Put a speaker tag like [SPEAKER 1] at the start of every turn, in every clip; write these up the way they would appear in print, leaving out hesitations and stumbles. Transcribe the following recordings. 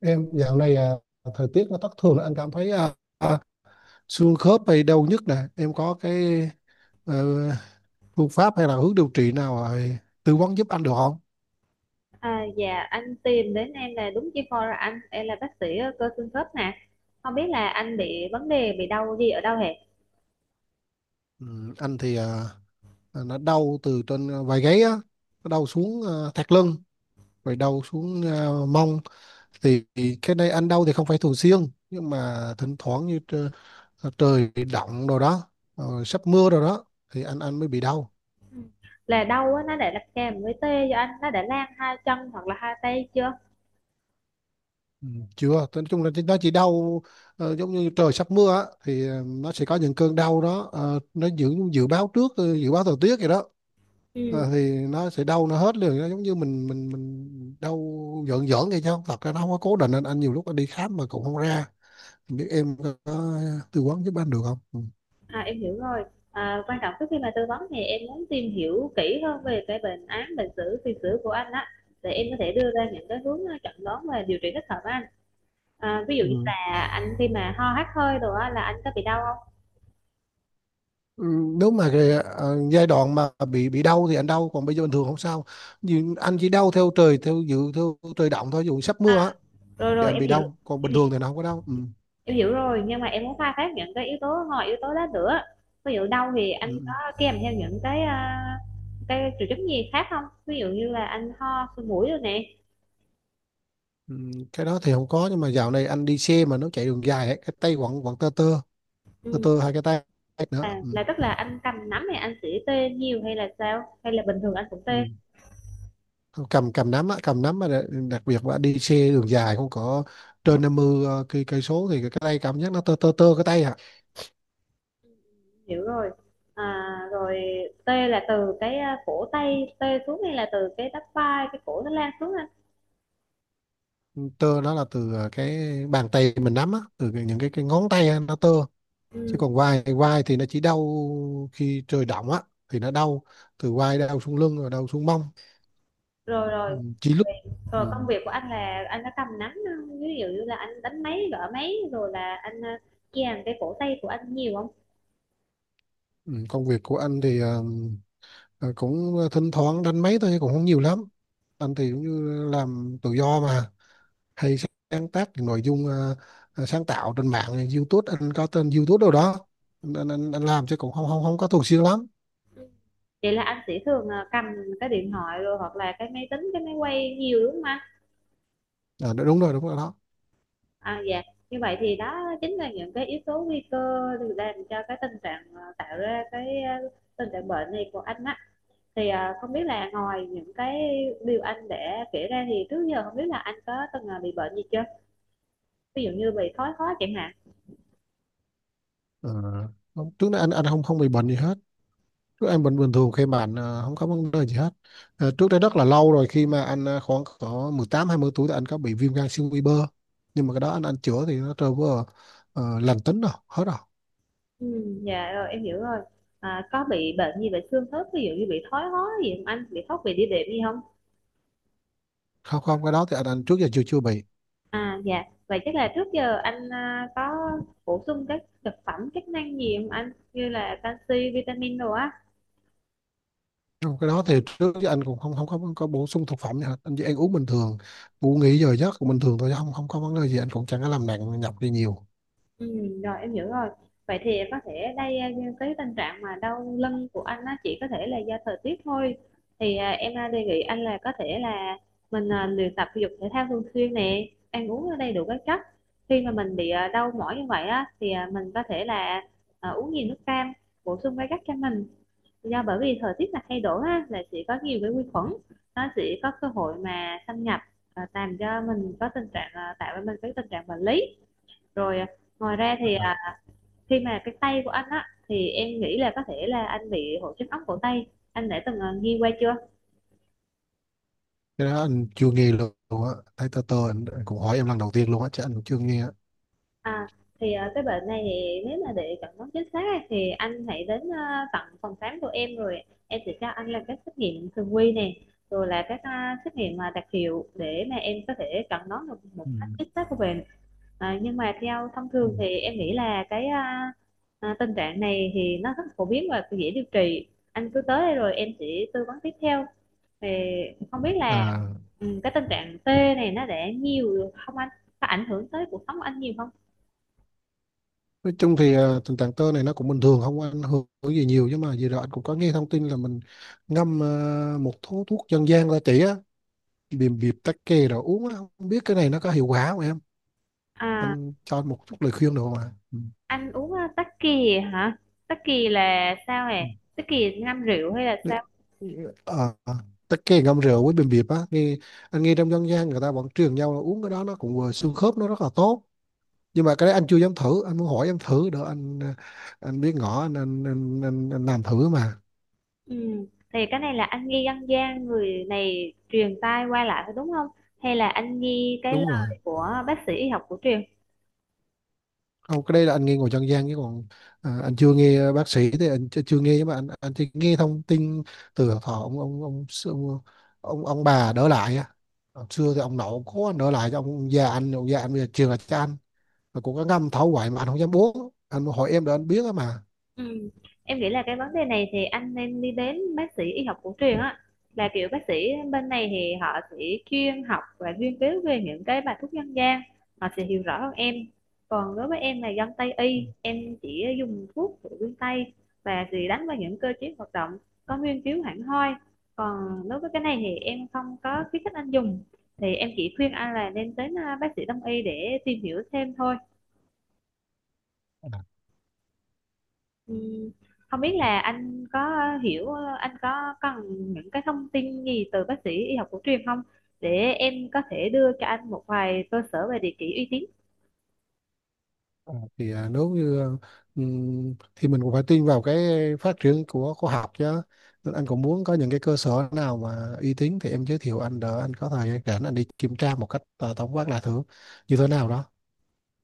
[SPEAKER 1] Em dạo này, thời tiết nó thất thường là anh cảm thấy xương khớp hay đau nhức nè, em có cái ờ, phương pháp hay là hướng điều trị nào tư vấn giúp anh được không?
[SPEAKER 2] À, dạ anh tìm đến em là đúng chuyên khoa rồi. Anh em là bác sĩ cơ xương khớp nè. Không biết là anh bị vấn đề bị đau gì ở đâu hệ,
[SPEAKER 1] Ừ, anh thì nó đau từ trên vai gáy á, nó đau xuống thắt lưng, rồi đau xuống mông thì cái này anh đau thì không phải thường xuyên, nhưng mà thỉnh thoảng như trời động rồi đó. Sắp mưa rồi đó thì anh mới bị đau.
[SPEAKER 2] là đau á, nó đã là kèm với tê cho anh, nó đã lan hai chân hoặc là hai tay chưa?
[SPEAKER 1] Ừ, chưa. Nói chung là nó chỉ đau, giống như trời sắp mưa á, thì nó sẽ có những cơn đau đó, nó dự dự báo trước, dự báo thời tiết vậy đó.
[SPEAKER 2] ừ
[SPEAKER 1] Thì nó sẽ đau, nó hết liền, nó giống như mình đau giỡn giỡn vậy, chứ không, thật ra nó không có cố định. Anh nhiều lúc anh đi khám mà cũng không ra. Không biết em có tư vấn giúp anh được không ừ.
[SPEAKER 2] em hiểu rồi. Quan trọng trước khi mà tư vấn thì em muốn tìm hiểu kỹ hơn về cái bệnh án, bệnh sử, tiền sử của anh á, để em có thể đưa ra những cái hướng chẩn đoán và điều trị thích hợp với anh. Ví dụ như
[SPEAKER 1] Ừ.
[SPEAKER 2] là anh khi mà ho hắt hơi rồi á là anh có bị đau không?
[SPEAKER 1] Ừ, Nếu mà cái, giai đoạn mà bị đau thì anh đau, còn bây giờ bình thường không sao, nhưng anh chỉ đau theo trời, theo trời động thôi, dù sắp mưa á,
[SPEAKER 2] à rồi
[SPEAKER 1] thì
[SPEAKER 2] rồi
[SPEAKER 1] anh
[SPEAKER 2] em
[SPEAKER 1] bị
[SPEAKER 2] hiểu.
[SPEAKER 1] đau, còn bình thường thì nó không có đau ừ.
[SPEAKER 2] Em hiểu rồi, nhưng mà em muốn khai thác những cái yếu tố ngoài yếu tố đó nữa. Ví dụ đâu thì anh
[SPEAKER 1] Ừ.
[SPEAKER 2] có kèm theo những cái cái triệu chứng gì khác không, ví dụ như là anh ho sổ mũi rồi nè?
[SPEAKER 1] Ừ. Cái đó thì không có, nhưng mà dạo này anh đi xe mà nó chạy đường dài ấy, cái tay quặn quặn tơ tơ tơ
[SPEAKER 2] Ừ.
[SPEAKER 1] tơ hai cái tay nữa ừ.
[SPEAKER 2] Là tức là anh cầm nắm thì anh sẽ tê nhiều, hay là sao, hay là bình thường anh cũng tê?
[SPEAKER 1] Ừ. cầm cầm nắm á, cầm nắm mà đặc đặc biệt là đi xe đường dài không có trên 50 cây cây số thì cái tay cảm giác nó tơ tơ tơ cái tay.
[SPEAKER 2] Hiểu rồi. à, Rồi tê là từ cái cổ tay tê xuống, hay là từ cái bắp vai, cái cổ nó lan xuống anh?
[SPEAKER 1] Ừ, tơ nó là từ cái bàn tay mình nắm á, những cái ngón tay á, nó tơ. Chứ
[SPEAKER 2] Ừ.
[SPEAKER 1] còn vai vai thì nó chỉ đau khi trời động á, thì nó đau từ vai, đau xuống lưng, rồi đau xuống mông.
[SPEAKER 2] Rồi
[SPEAKER 1] Ừ,
[SPEAKER 2] rồi.
[SPEAKER 1] chỉ lúc ừ.
[SPEAKER 2] Rồi công việc của anh là anh có cầm nắm ví dụ như là anh đánh máy, gõ máy rồi là anh kèm cái cổ tay của anh nhiều không?
[SPEAKER 1] Ừ. Công việc của anh thì cũng thỉnh thoảng đánh máy thôi, cũng không nhiều lắm. Anh thì cũng như làm tự do mà, hay sáng tác những nội dung, sáng tạo trên mạng YouTube, anh có tên YouTube đâu đó. Anh làm chứ cũng không không không có thường xuyên lắm.
[SPEAKER 2] Vậy là anh sẽ thường cầm cái điện thoại rồi, hoặc là cái máy tính, cái máy quay nhiều đúng không anh?
[SPEAKER 1] Đúng rồi, đúng rồi đó.
[SPEAKER 2] À dạ. Như vậy thì đó chính là những cái yếu tố nguy cơ được làm cho cái tình trạng tạo ra cái tình trạng bệnh này của anh á. Thì không biết là ngoài những cái điều anh đã kể ra thì trước giờ không biết là anh có từng bị bệnh gì chưa? Ví dụ như bị thoái hóa chẳng hạn.
[SPEAKER 1] Ờ, trước đây anh không không bị bệnh gì hết. Trước anh bình bình thường, khi mà anh không có vấn đề gì hết. Trước đây rất là lâu rồi, khi mà anh khoảng có 18 20 tuổi thì anh có bị viêm gan siêu vi bơ. Nhưng mà cái đó anh chữa thì nó trở vừa lành tính rồi, hết rồi.
[SPEAKER 2] Ừ, dạ rồi em hiểu rồi. À, có bị bệnh gì về xương khớp, ví dụ như bị thoái hóa gì không anh? Bị thoát vị đĩa đệm gì không?
[SPEAKER 1] Không, không, cái đó thì anh trước giờ chưa chưa bị.
[SPEAKER 2] À dạ. Vậy chắc là trước giờ anh có bổ sung các thực phẩm chức năng gì không anh? Như là canxi, vitamin đồ á.
[SPEAKER 1] Trong cái đó thì trước giờ anh cũng không không có bổ sung thực phẩm gì hết. Anh chỉ ăn uống bình thường, ngủ nghỉ giờ giấc cũng bình thường thôi, chứ không không có vấn đề gì. Anh cũng chẳng có làm nặng nhọc gì nhiều.
[SPEAKER 2] Rồi em hiểu rồi. Vậy thì có thể đây cái tình trạng mà đau lưng của anh á chỉ có thể là do thời tiết thôi. Thì em đề nghị anh là có thể là mình luyện tập thể dục thể thao thường xuyên nè, ăn uống đầy đủ các chất. Khi mà mình bị đau mỏi như vậy á thì mình có thể là uống nhiều nước cam, bổ sung các chất cho mình. Do bởi vì thời tiết là thay đổi á là sẽ có nhiều cái vi khuẩn, nó sẽ có cơ hội mà xâm nhập làm cho mình có tình trạng tạo ra mình cái tình trạng bệnh lý. Rồi ngoài ra thì
[SPEAKER 1] Ờ.
[SPEAKER 2] khi mà cái tay của anh á, thì em nghĩ là có thể là anh bị hội chứng ống cổ tay. Anh đã từng, nghe qua chưa?
[SPEAKER 1] Cái đó anh chưa nghe luôn á. Thấy tơ tơ, anh cũng hỏi em lần đầu tiên luôn á, chứ anh cũng chưa nghe á.
[SPEAKER 2] À, thì, cái bệnh này thì nếu mà để chẩn đoán chính xác á, thì anh hãy đến, tận phòng khám của em, rồi em sẽ cho anh làm các xét nghiệm thường quy nè, rồi là các, xét nghiệm mà đặc hiệu để mà em có thể chẩn đoán được một
[SPEAKER 1] Ừ.
[SPEAKER 2] cách chính xác của bệnh. À, nhưng mà theo thông
[SPEAKER 1] Ừ.
[SPEAKER 2] thường thì em nghĩ là cái, tình trạng này thì nó rất phổ biến và dễ điều trị. Anh cứ tới đây rồi em sẽ tư vấn tiếp theo. Thì không biết là
[SPEAKER 1] À,
[SPEAKER 2] cái tình trạng tê này nó để nhiều được không anh, có ảnh hưởng tới cuộc sống của anh nhiều không?
[SPEAKER 1] nói chung thì tình trạng tơ này nó cũng bình thường, không có ảnh hưởng gì nhiều, nhưng mà vừa rồi anh cũng có nghe thông tin là mình ngâm một thuốc thuốc dân gian, ra chỉ á, bìm bịp, tắc kè rồi uống á, không biết cái này nó có hiệu quả không em,
[SPEAKER 2] à
[SPEAKER 1] anh cho anh một chút lời khuyên được không ạ Ừ.
[SPEAKER 2] anh uống tắc kè hả? Tắc kè là sao hề? Tắc kè ngâm rượu hay là
[SPEAKER 1] Ừ.
[SPEAKER 2] sao?
[SPEAKER 1] Ờ, tắc kè ngâm rượu với bìm bịp á, nghe anh nghe trong dân gian, người ta vẫn truyền nhau là uống cái đó nó cũng vừa xương khớp, nó rất là tốt, nhưng mà cái đấy anh chưa dám thử. Anh muốn hỏi em thử đỡ anh, anh biết ngỏ anh làm thử mà.
[SPEAKER 2] Ừ. Thì cái này là anh nghi dân gian người này truyền tai qua lại phải đúng không, hay là anh nghi cái
[SPEAKER 1] Đúng rồi.
[SPEAKER 2] lời của bác sĩ y học cổ truyền?
[SPEAKER 1] Không, cái đây là anh nghe ngồi dân gian chứ còn, anh chưa nghe bác sĩ thì anh chưa nghe, nhưng mà anh chỉ nghe thông tin từ họ ông, bà đỡ lại á. Hồi xưa thì ông nội, ông cố anh đỡ lại cho ông già anh, ông già anh bây giờ truyền lại cho anh, mà cũng có ngâm thấu hoài mà anh không dám uống. Anh hỏi em để anh biết á mà.
[SPEAKER 2] Ừ. Em nghĩ là cái vấn đề này thì anh nên đi đến bác sĩ y học cổ truyền á, là kiểu bác sĩ bên này thì họ sẽ chuyên học và nghiên cứu về những cái bài thuốc dân gian, họ sẽ hiểu rõ hơn em. Còn đối với em là dân Tây y, em chỉ dùng thuốc của phương Tây và chỉ đánh vào những cơ chế hoạt động có nghiên cứu hẳn hoi. Còn đối với cái này thì em không có khuyến khích anh dùng, thì em chỉ khuyên anh là nên đến bác sĩ đông y để tìm hiểu thêm thôi. Ừ, không biết là anh có hiểu, anh có cần những cái thông tin gì từ bác sĩ y học cổ truyền không, để em có thể đưa cho anh một vài cơ sở về địa chỉ uy tín.
[SPEAKER 1] Ờ, thì nếu như thì mình cũng phải tin vào cái phát triển của khoa học chứ. Nên anh cũng muốn có những cái cơ sở nào mà uy tín thì em giới thiệu anh đỡ, anh có thời gian rảnh anh đi kiểm tra một cách tổng quát, là thử như thế nào đó.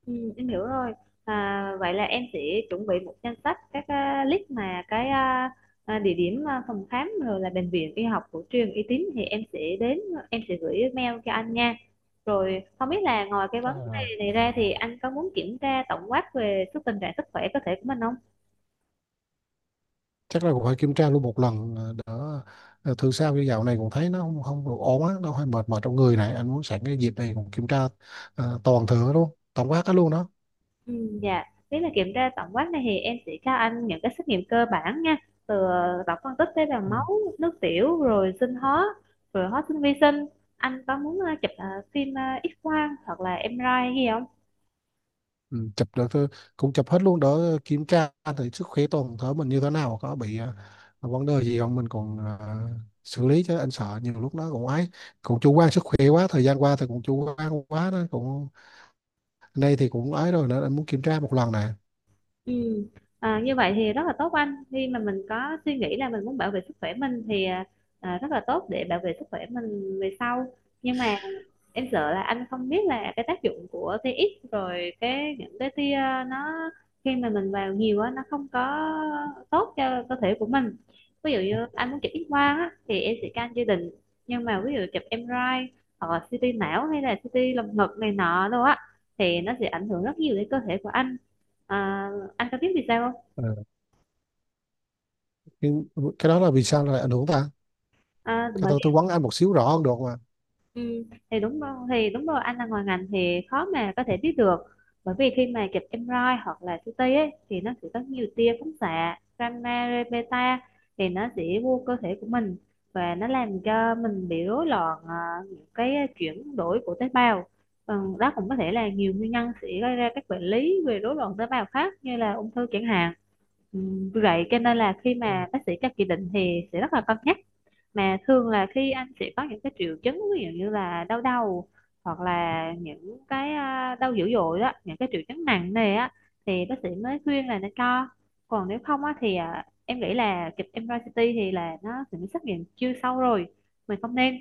[SPEAKER 2] Ừ, em hiểu rồi. À, vậy là em sẽ chuẩn bị một danh sách các list mà cái địa điểm, phòng khám rồi là bệnh viện y học cổ truyền uy tín, thì em sẽ đến, em sẽ gửi mail cho anh nha. Rồi không biết là ngoài cái vấn
[SPEAKER 1] à,
[SPEAKER 2] đề này ra thì anh có muốn kiểm tra tổng quát về sức tình trạng sức khỏe cơ thể của mình không?
[SPEAKER 1] chắc là cũng phải kiểm tra luôn một lần, đỡ thường sao, như dạo này cũng thấy nó không không được ổn á, nó hơi mệt mỏi trong người này, anh muốn sẵn cái dịp này cũng kiểm tra toàn thử luôn tổng quát hết luôn đó.
[SPEAKER 2] Ừ, dạ, nếu là kiểm tra tổng quát này thì em sẽ cho anh những cái xét nghiệm cơ bản nha, từ tổng phân tích tế bào
[SPEAKER 1] Ừ.
[SPEAKER 2] máu, nước tiểu, rồi sinh hóa, rồi hóa sinh, vi sinh. Anh có muốn chụp phim X-quang hoặc là em MRI gì không?
[SPEAKER 1] Ừ, chụp được thôi, cũng chụp hết luôn đỡ kiểm tra, thử sức khỏe toàn thể mình như thế nào, có bị vấn đề gì không mình còn xử lý chứ. Anh sợ nhiều lúc nó cũng ấy, cũng chủ quan sức khỏe quá, thời gian qua thì cũng chủ quan quá đó, cũng nay thì cũng ấy rồi nên anh muốn kiểm tra một lần nè.
[SPEAKER 2] Ừ. À, như vậy thì rất là tốt anh. Khi mà mình có suy nghĩ là mình muốn bảo vệ sức khỏe mình thì rất là tốt để bảo vệ sức khỏe mình về sau. Nhưng mà em sợ là anh không biết là cái tác dụng của TX rồi cái những cái tia nó khi mà mình vào nhiều á nó không có tốt cho cơ thể của mình. Ví dụ như anh muốn chụp X quang á thì em sẽ can gia đình, nhưng mà ví dụ chụp MRI hoặc là CT não, hay là CT lồng ngực này nọ đâu á thì nó sẽ ảnh hưởng rất nhiều đến cơ thể của anh. à, anh có biết vì sao không?
[SPEAKER 1] Ờ, nhưng cái đó là vì sao lại ảnh hưởng ta,
[SPEAKER 2] À,
[SPEAKER 1] cái
[SPEAKER 2] bởi
[SPEAKER 1] tôi vấn anh một xíu rõ hơn được mà.
[SPEAKER 2] Ừ, thì đúng rồi anh là ngoài ngành thì khó mà có thể biết được. Bởi vì khi mà chụp MRI hoặc là CT ấy, thì nó sẽ có nhiều tia phóng xạ gamma ray beta, thì nó sẽ vô cơ thể của mình, và nó làm cho mình bị rối loạn những cái chuyển đổi của tế bào. Ừ, đó cũng có thể là nhiều nguyên nhân sẽ gây ra các bệnh lý về rối loạn tế bào khác, như là ung thư chẳng hạn. Ừ, vì vậy cho nên là khi
[SPEAKER 1] Ừ.
[SPEAKER 2] mà bác sĩ cho chỉ định thì sẽ rất là cân nhắc, mà thường là khi anh sẽ có những cái triệu chứng, ví dụ như là đau đầu, hoặc là những cái đau dữ dội đó, những cái triệu chứng nặng này á, thì bác sĩ mới khuyên là nên cho. Còn nếu không á thì em nghĩ là chụp MRI, CT thì là nó sẽ xét nghiệm chưa sâu rồi, mình không nên.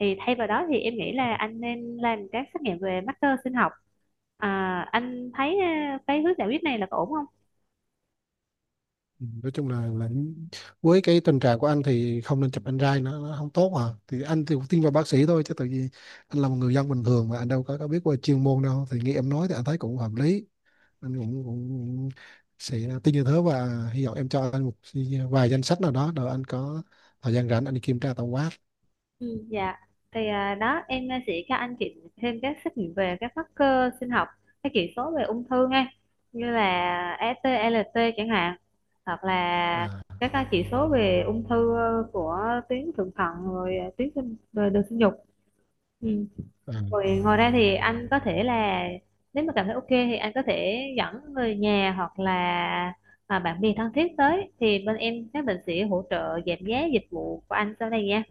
[SPEAKER 2] Thì thay vào đó thì em nghĩ là anh nên làm các xét nghiệm về marker sinh học. Anh thấy cái hướng giải quyết này là có ổn không?
[SPEAKER 1] Ừ, nói chung là với cái tình trạng của anh thì không nên chụp anh, nó không tốt mà, thì anh thì cũng tin vào bác sĩ thôi. Chứ tự nhiên anh là một người dân bình thường mà anh đâu có biết về chuyên môn đâu, thì nghe em nói thì anh thấy cũng hợp lý. Anh cũng sẽ tin như thế, và hy vọng em cho anh một vài danh sách nào đó, rồi anh có thời gian rảnh anh đi kiểm tra tổng quát.
[SPEAKER 2] Ừ, dạ, thì đó em sẽ cho anh chị thêm các xét nghiệm về các marker sinh học, các chỉ số về ung thư nghe, như là ST, LT chẳng hạn, hoặc là
[SPEAKER 1] à,
[SPEAKER 2] các chỉ số về ung thư của tuyến thượng thận, rồi tuyến sinh, rồi đường sinh dục. Ừ.
[SPEAKER 1] à,
[SPEAKER 2] Rồi ngoài ra thì anh có thể là, nếu mà cảm thấy ok thì anh có thể dẫn người nhà hoặc là bạn bè thân thiết tới, thì bên em các bệnh sĩ hỗ trợ giảm giá dịch vụ của anh sau này nha.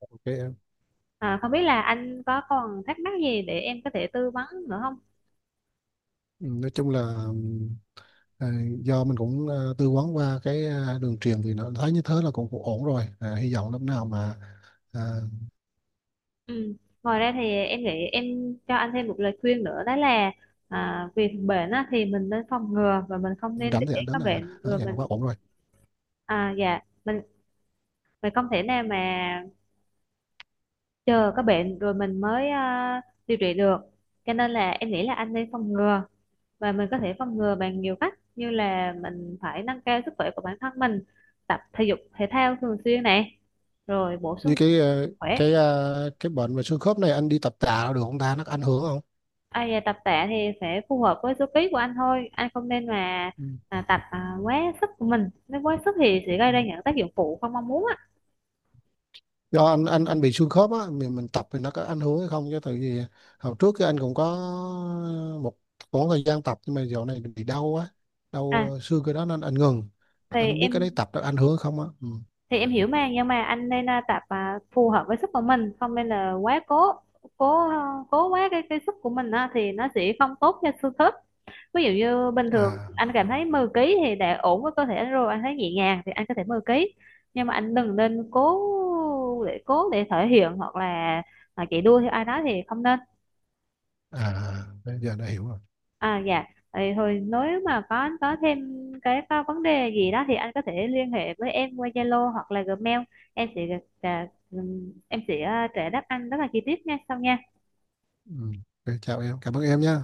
[SPEAKER 1] ok em.
[SPEAKER 2] À, không biết là anh có còn thắc mắc gì để em có thể tư vấn nữa không?
[SPEAKER 1] Ừ, nói chung là. À, do mình cũng tư vấn qua cái đường truyền thì nó thấy như thế là cũng ổn rồi, hy vọng lúc nào mà à,
[SPEAKER 2] Ừ. Ngoài ra thì em nghĩ em cho anh thêm một lời khuyên nữa, đó là việc bệnh á, thì mình nên phòng ngừa và mình không nên để
[SPEAKER 1] rảnh thì anh
[SPEAKER 2] có
[SPEAKER 1] đến là
[SPEAKER 2] bệnh
[SPEAKER 1] ở
[SPEAKER 2] rồi
[SPEAKER 1] vậy là quá
[SPEAKER 2] mình
[SPEAKER 1] ổn rồi.
[SPEAKER 2] dạ, mình mình không thể nào mà chờ có bệnh rồi mình mới điều trị được. Cho nên là em nghĩ là anh nên phòng ngừa, và mình có thể phòng ngừa bằng nhiều cách, như là mình phải nâng cao sức khỏe của bản thân mình, tập thể dục thể thao thường xuyên này, rồi bổ
[SPEAKER 1] Như
[SPEAKER 2] sung
[SPEAKER 1] cái ờ,
[SPEAKER 2] khỏe.
[SPEAKER 1] cái ờ, cái bệnh về xương khớp này, anh đi tập tạ được không ta, nó có ảnh hưởng không?
[SPEAKER 2] À, về tập tạ thì sẽ phù hợp với số ký của anh thôi, anh không nên mà
[SPEAKER 1] Ừ.
[SPEAKER 2] tập quá sức của mình, nếu quá sức thì sẽ gây
[SPEAKER 1] Ừ.
[SPEAKER 2] ra những tác dụng phụ không mong muốn á.
[SPEAKER 1] Do anh bị xương khớp á, mình tập thì nó có ảnh hưởng hay không, chứ tại vì hồi trước cái anh cũng có một khoảng thời gian tập, nhưng mà dạo này bị đau á,
[SPEAKER 2] à,
[SPEAKER 1] đau xương cái đó nên anh ngừng.
[SPEAKER 2] thì
[SPEAKER 1] Anh không biết cái đấy
[SPEAKER 2] em
[SPEAKER 1] tập nó ảnh hưởng hay không á ừ.
[SPEAKER 2] thì em hiểu mà, nhưng mà anh nên tập phù hợp với sức của mình, không nên là quá cố, cố à, cố quá cái sức của mình á, thì nó sẽ không tốt cho xương khớp. Ví dụ như bình thường
[SPEAKER 1] à
[SPEAKER 2] anh cảm thấy 10 ký thì đã ổn với cơ thể anh rồi, anh thấy nhẹ nhàng thì anh có thể 10 ký, nhưng mà anh đừng nên cố để thể hiện, hoặc là chạy đua theo ai đó thì không nên.
[SPEAKER 1] bây giờ đã hiểu rồi
[SPEAKER 2] À dạ, vậy thôi nếu mà có anh có thêm có vấn đề gì đó thì anh có thể liên hệ với em qua Zalo hoặc là Gmail. Em sẽ em sẽ trả đáp anh rất là chi tiết nha sau nha.
[SPEAKER 1] ừ. Ok, chào em, cảm ơn em nhé.